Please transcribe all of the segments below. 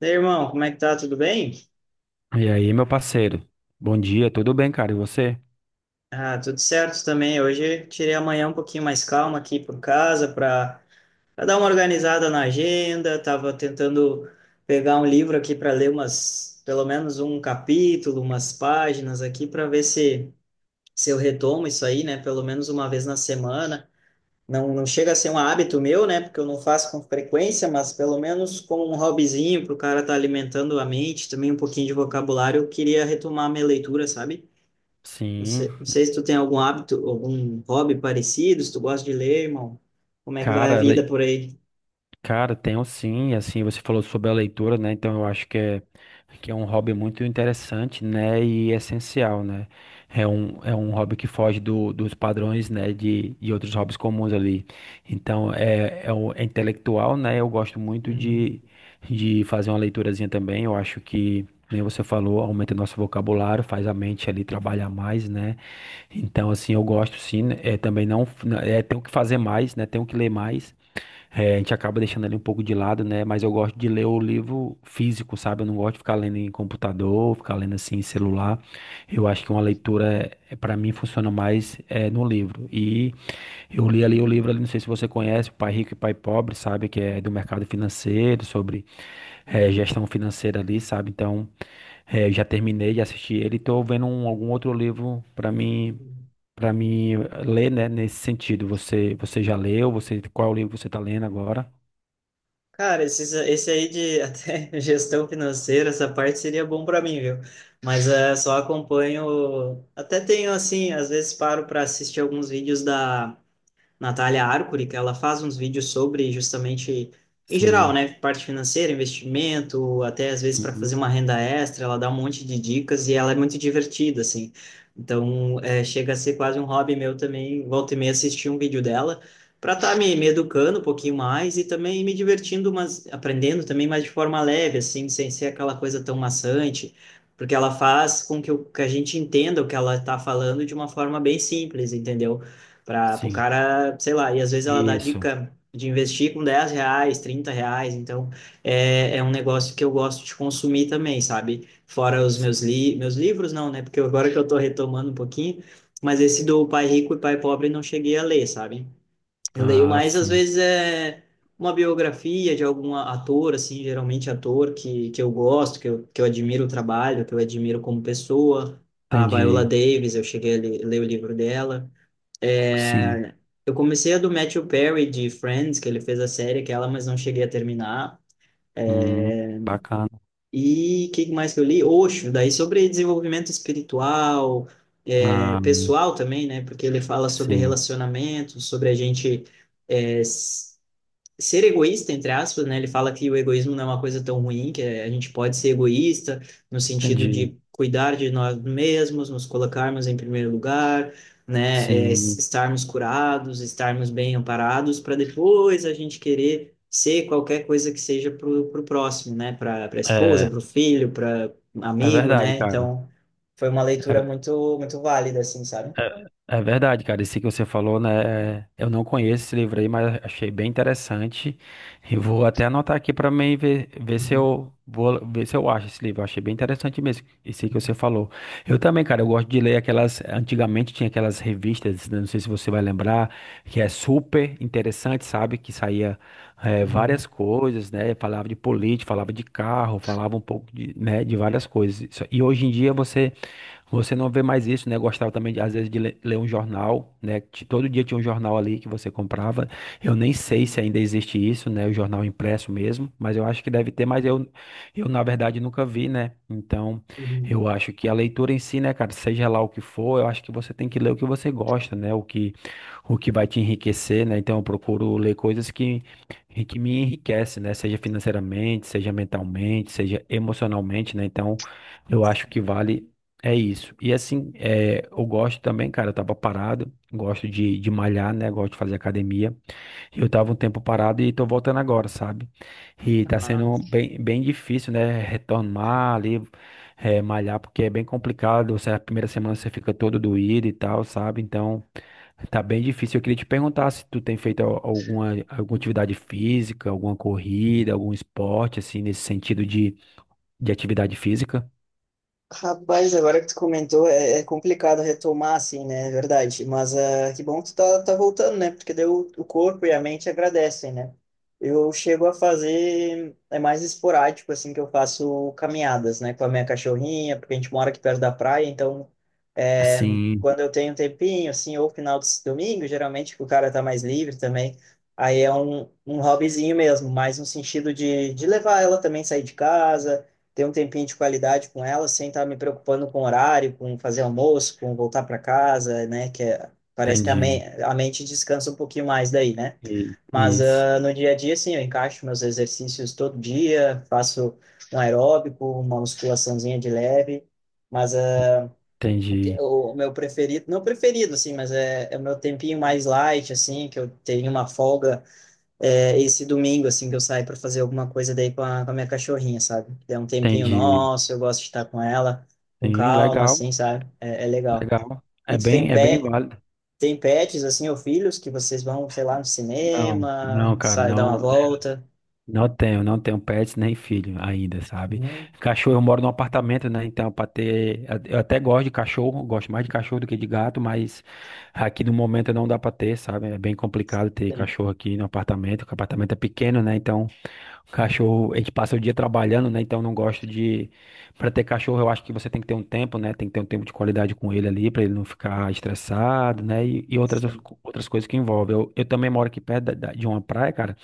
E aí, irmão, como é que tá? Tudo bem? E aí, meu parceiro? Bom dia, tudo bem, cara? E você? Ah, tudo certo também. Hoje tirei amanhã um pouquinho mais calma aqui por casa para dar uma organizada na agenda. Tava tentando pegar um livro aqui para ler pelo menos um capítulo, umas páginas aqui para ver se eu retomo isso aí, né? Pelo menos uma vez na semana. Não, não chega a ser um hábito meu, né? Porque eu não faço com frequência, mas pelo menos como um hobbyzinho para o cara estar alimentando a mente, também um pouquinho de vocabulário, eu queria retomar a minha leitura, sabe? Não Sim, sei, não sei se tu tem algum hábito, algum hobby parecido, se tu gosta de ler, irmão. Como é que vai a cara, vida por aí? cara, tenho sim, e assim, você falou sobre a leitura, né? Então eu acho que que é um hobby muito interessante, né? E essencial, né? É um hobby que foge dos padrões, né? De outros hobbies comuns ali. Então é intelectual, né? Eu gosto muito Uhum, de fazer uma leiturazinha também. Eu acho que, nem você falou, aumenta nosso vocabulário, faz a mente ali trabalhar mais, né? Então, assim, eu gosto sim, né, também tenho que fazer mais, né? Tenho que ler mais. É, a gente acaba deixando ele um pouco de lado, né? Mas eu gosto de ler o livro físico, sabe? Eu não gosto de ficar lendo em computador, ficar lendo assim em celular. Eu acho que uma leitura, para mim, funciona mais no livro. E eu li ali o livro, ali, não sei se você conhece, o Pai Rico e Pai Pobre, sabe? Que é do mercado financeiro, sobre uhum, gestão financeira ali, sabe? Então, é, eu já terminei de assistir ele. Estou vendo algum outro livro para mim. uhum. Para mim ler, né, nesse sentido. Você já leu? Você, qual livro você está lendo agora? Cara, esse aí de até gestão financeira, essa parte seria bom para mim, viu? Mas é, só acompanho, até tenho assim, às vezes paro para assistir alguns vídeos da Natália Arcuri, que ela faz uns vídeos sobre justamente, em geral, Sim. né, parte financeira, investimento, até às vezes para fazer Uhum. uma renda extra, ela dá um monte de dicas e ela é muito divertida, assim. Então, é, chega a ser quase um hobby meu também, volta e meia assistir um vídeo dela, para estar me educando um pouquinho mais e também me divertindo, mas aprendendo também, mas de forma leve, assim, sem ser aquela coisa tão maçante. Porque ela faz com que, que a gente entenda o que ela está falando de uma forma bem simples, entendeu? Para o Sim. cara, sei lá, e às vezes ela dá Isso. dica de investir com 10 reais, 30 reais, então é um negócio que eu gosto de consumir também, sabe? Fora Sim. li meus livros, não, né? Porque agora que eu tô retomando um pouquinho, mas esse do Pai Rico e Pai Pobre não cheguei a ler, sabe? Eu leio Ah, mais, às sim. vezes, é uma biografia de algum ator, assim, geralmente ator que eu gosto, que eu admiro o trabalho, que eu admiro como pessoa. A Viola Entendi. Davis, eu cheguei a ler o livro dela. Sim. É, eu comecei a do Matthew Perry de Friends, que ele fez a série aquela, mas não cheguei a terminar. Hum, bacana. E o que mais que eu li? Osho, daí sobre desenvolvimento espiritual, Ah, pessoal também, né? Porque ele fala sobre sim. relacionamento, sobre a gente é, s- ser egoísta, entre aspas, né? Ele fala que o egoísmo não é uma coisa tão ruim, que a gente pode ser egoísta no sentido Entendi. de cuidar de nós mesmos, nos colocarmos em primeiro lugar, né? Sim. Estarmos curados, estarmos bem amparados, para depois a gente querer ser qualquer coisa que seja para o próximo, né? Para a esposa, É, para o filho, para é amigo, verdade, né? cara. Então, foi uma leitura É, muito, muito válida, assim, sabe? é verdade, cara. Esse que você falou, né? Eu não conheço esse livro aí, mas achei bem interessante. E vou até anotar aqui para mim ver, ver se Uhum, eu vou ver se eu acho esse livro. Eu achei bem interessante mesmo. Esse que você falou. Eu também, cara, eu gosto de ler aquelas. Antigamente tinha aquelas revistas, né, não sei se você vai lembrar, que é super interessante, sabe? Que saía uhum, várias coisas, né? Falava de política, falava de carro, falava um pouco de, né, de várias coisas. E hoje em dia você não vê mais isso, né? Eu gostava também, de, às vezes, de ler um jornal, né? Todo dia tinha um jornal ali que você comprava. Eu nem sei se uhum, ainda existe isso, né? O jornal impresso mesmo, mas eu acho que deve ter, eu na verdade, nunca vi, né? Então, uhum, eu acho que a leitura em si, né, cara, seja lá o que for, eu acho que você tem que ler o que você gosta, né? O que vai te enriquecer, né? Então eu procuro ler coisas que me enriquecem, né? Seja financeiramente, seja mentalmente, seja emocionalmente, né? Então eu acho que vale é isso. E assim, é, eu gosto também, cara, eu tava parado, gosto de malhar, né? Gosto de fazer academia. Eu tava um uhum. tempo parado e tô voltando agora, sabe? E tá Ah, sendo bem, bem difícil, né? Retornar ali. É, malhar porque é bem complicado, você, a primeira semana você fica todo doído e tal, sabe? Então, tá bem difícil. Eu queria te perguntar se tu tem feito alguma atividade física, alguma corrida, algum esporte, assim, nesse sentido de atividade física. rapaz, agora que tu comentou, é complicado retomar assim, né? É verdade. Mas ah, que bom que tu tá voltando, né? Porque daí o corpo e a mente agradecem, né? Eu chego a fazer, é mais esporádico, assim, que eu faço caminhadas, né? Com a minha cachorrinha, porque a gente mora aqui perto da praia, então é, Sim, quando eu tenho um tempinho, assim, ou final de domingo, geralmente que o cara tá mais livre também, aí é um hobbyzinho mesmo, mais no sentido de levar ela também, sair de casa ter um tempinho de qualidade com ela, sem estar me preocupando com horário, com fazer almoço, com voltar para casa, né? Parece que entendi. a mente descansa um pouquinho mais daí, né? Mas Isso, ah, no dia a dia, sim, eu encaixo meus exercícios todo dia, faço um aeróbico, uma musculaçãozinha de leve, mas ah, entendi, o meu preferido, não preferido, assim, mas é o meu tempinho mais light, assim, que eu tenho uma folga esse domingo, assim, que eu saio para fazer alguma coisa daí com a minha cachorrinha, sabe? É um tempinho entendi. nosso, eu gosto de estar com ela, com Sim, calma, legal, assim, sabe? É legal. legal. E tu É bem válido. tem pets, assim, ou filhos que vocês vão, sei lá, no Não, cinema, não, cara, sai dar uma não. volta? Não tenho, não tenho pets nem filho ainda, sabe? Hum, Cachorro, eu moro num apartamento, né? Então, para ter. Eu até gosto de cachorro, gosto mais de cachorro do que de gato, mas aqui no momento não dá para ter, sabe? É bem complicado ter tem. cachorro aqui no apartamento, porque o apartamento é pequeno, né? Então, o cachorro, a gente passa o dia trabalhando, né? Então, não gosto de. Para ter cachorro, eu acho que você tem que ter um tempo, né? Tem que ter um tempo de qualidade com ele ali, para ele não ficar estressado, né? E outras, Sim. outras coisas que envolvem. Eu também moro aqui perto de uma praia, cara.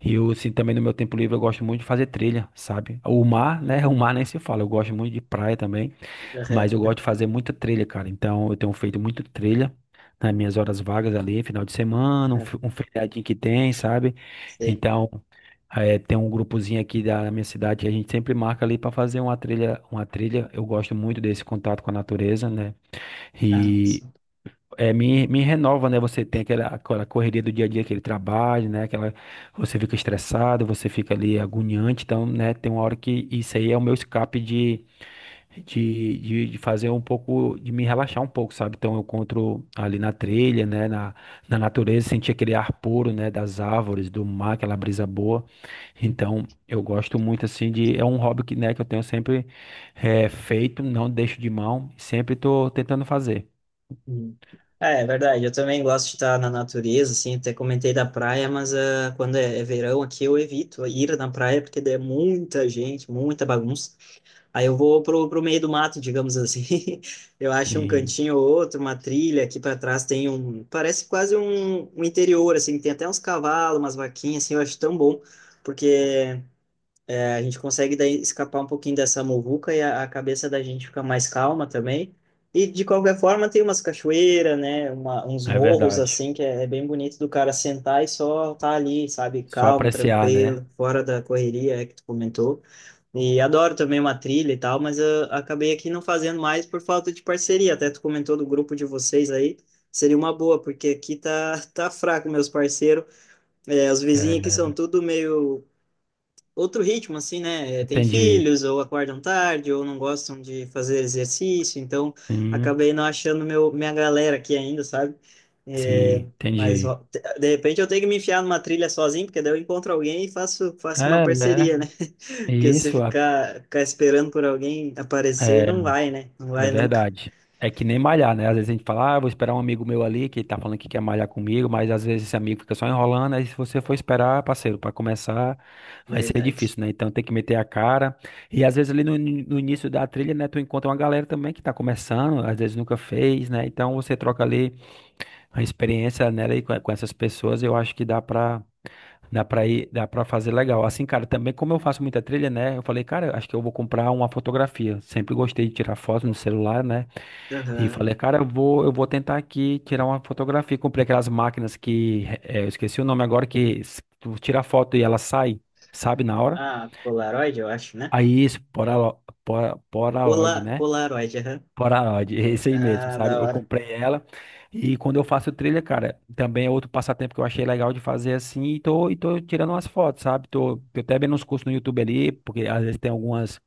E eu, assim, também no meu tempo livre eu gosto muito de fazer trilha, sabe? O mar, né? O mar nem se fala. Eu gosto muito de praia também, mas eu Aham, gosto de fazer muita trilha, cara. Então eu tenho feito muito trilha nas minhas horas vagas ali, final de semana, aham, um feriadinho que tem, sabe? sim. Então é, tem um grupozinho aqui da minha cidade que a gente sempre marca ali para fazer uma trilha, uma trilha. Eu gosto muito desse contato com a natureza, né? Ah, sim. É, me renova, né? Você tem aquela correria do dia a dia, aquele trabalho, né? Aquela, você fica estressado, você fica ali agoniante. Então, né? Tem uma hora que isso aí é o meu escape de fazer um pouco, de me relaxar um pouco, sabe? Então, eu encontro ali na trilha, né? Na natureza, sentir aquele ar puro, né? Das árvores, do mar, aquela brisa boa. Então, eu gosto muito, assim, de... É um hobby que, né? Que eu tenho sempre feito, não deixo de mão. Sempre tô tentando fazer. Hum. É verdade, eu também gosto de estar na natureza, assim, até comentei da praia, mas ah, quando é verão aqui eu evito ir na praia, porque daí é muita gente, muita bagunça, aí eu vou pro meio do mato, digamos assim, eu acho um Sim. cantinho ou outro, uma trilha, aqui para trás tem parece quase um interior, assim, tem até uns cavalos, umas vaquinhas, assim, eu acho tão bom, porque a gente consegue daí escapar um pouquinho dessa muvuca e a cabeça da gente fica mais calma também. E de qualquer forma tem umas cachoeiras, né, uns É morros verdade. assim que é bem bonito do cara sentar e só tá ali, sabe, Só calmo, apreciar, né? tranquilo, fora da correria, é que tu comentou. E adoro também uma trilha e tal, mas eu acabei aqui não fazendo mais por falta de parceria. Até tu comentou do grupo de vocês aí, seria uma boa, porque aqui tá tá fraco meus parceiros. É, os É, vizinhos aqui são tudo meio outro ritmo, assim, né? É, tem entendi. filhos, ou acordam tarde, ou não gostam de fazer exercício, então Sim, acabei não achando minha galera aqui ainda, sabe? sim, É, mas entendi. ó, de repente eu tenho que me enfiar numa trilha sozinho, porque daí eu encontro alguém e faço uma É, né? parceria, né? Porque se Isso ficar esperando por alguém aparecer, é, não vai, né? Não é vai nunca. verdade. É que nem malhar, né? Às vezes a gente fala, ah, vou esperar um amigo meu ali que tá falando que quer malhar comigo, mas às vezes esse amigo fica só enrolando. Aí se você for esperar, parceiro, para começar, vai ser Verdade. difícil, né? Então tem que meter a cara. E às vezes ali no início da trilha, né, tu encontra uma galera também que tá começando, às vezes nunca fez, né? Então você troca ali. A experiência nela e com essas pessoas, eu acho dá pra ir, dá pra fazer legal. Assim, cara, também como eu faço muita trilha, né? Eu falei, cara, acho que eu vou comprar uma fotografia. Sempre gostei de tirar foto no celular, né? E Aham. falei, cara, eu vou tentar aqui tirar uma fotografia. Comprei aquelas máquinas que, eu esqueci o nome agora, que tu tira a foto e ela sai, sabe, na hora. Ah, Polaroid, eu acho, né? Aí, isso, Pola, Polaroid, né? Polaroid, aham. Polaroid, esse aí mesmo, Ah, sabe? da Eu hora. comprei ela e quando eu faço trilha, cara, também é outro passatempo que eu achei legal de fazer assim e e tô tirando umas fotos, sabe? Tô até vendo uns cursos no YouTube ali, porque às vezes tem algumas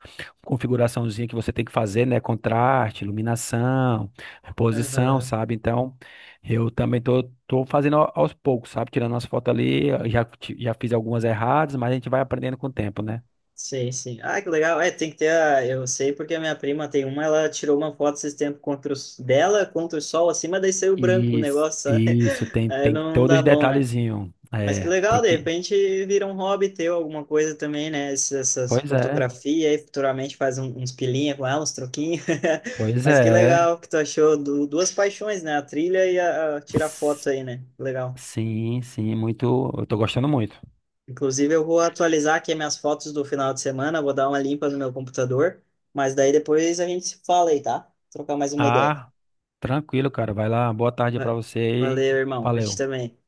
configuraçãozinha que você tem que fazer, né? Contraste, iluminação, posição, Aham. sabe? Então, eu também tô fazendo aos poucos, sabe? Tirando umas fotos ali, já, já fiz algumas erradas, mas a gente vai aprendendo com o tempo, né? Sim, sim. Ah, que legal. É, tem que ter. Eu sei porque a minha prima tem uma, ela tirou uma foto esses tempos dela, contra o sol, assim, mas daí saiu branco o Isso, negócio, sabe? isso, tem, Aí tem não todos dá os bom, né? detalhezinhos. Mas que É, legal, tem de que. repente vira um hobby teu, alguma coisa também, né? Essas Pois é, fotografias, aí futuramente faz uns pilinha com ela, uns troquinhos. pois Mas que é. legal que tu achou duas paixões, né? A trilha e a tirar foto S- aí, né? Legal. Sim, sim, muito. Eu tô gostando muito. Inclusive, eu vou atualizar aqui minhas fotos do final de semana, vou dar uma limpa no meu computador, mas daí depois a gente se fala aí, tá? Trocar mais uma ideia. Ah, tranquilo, cara. Vai lá, boa tarde pra Va- você. Valeu, irmão, pra ti Valeu. também.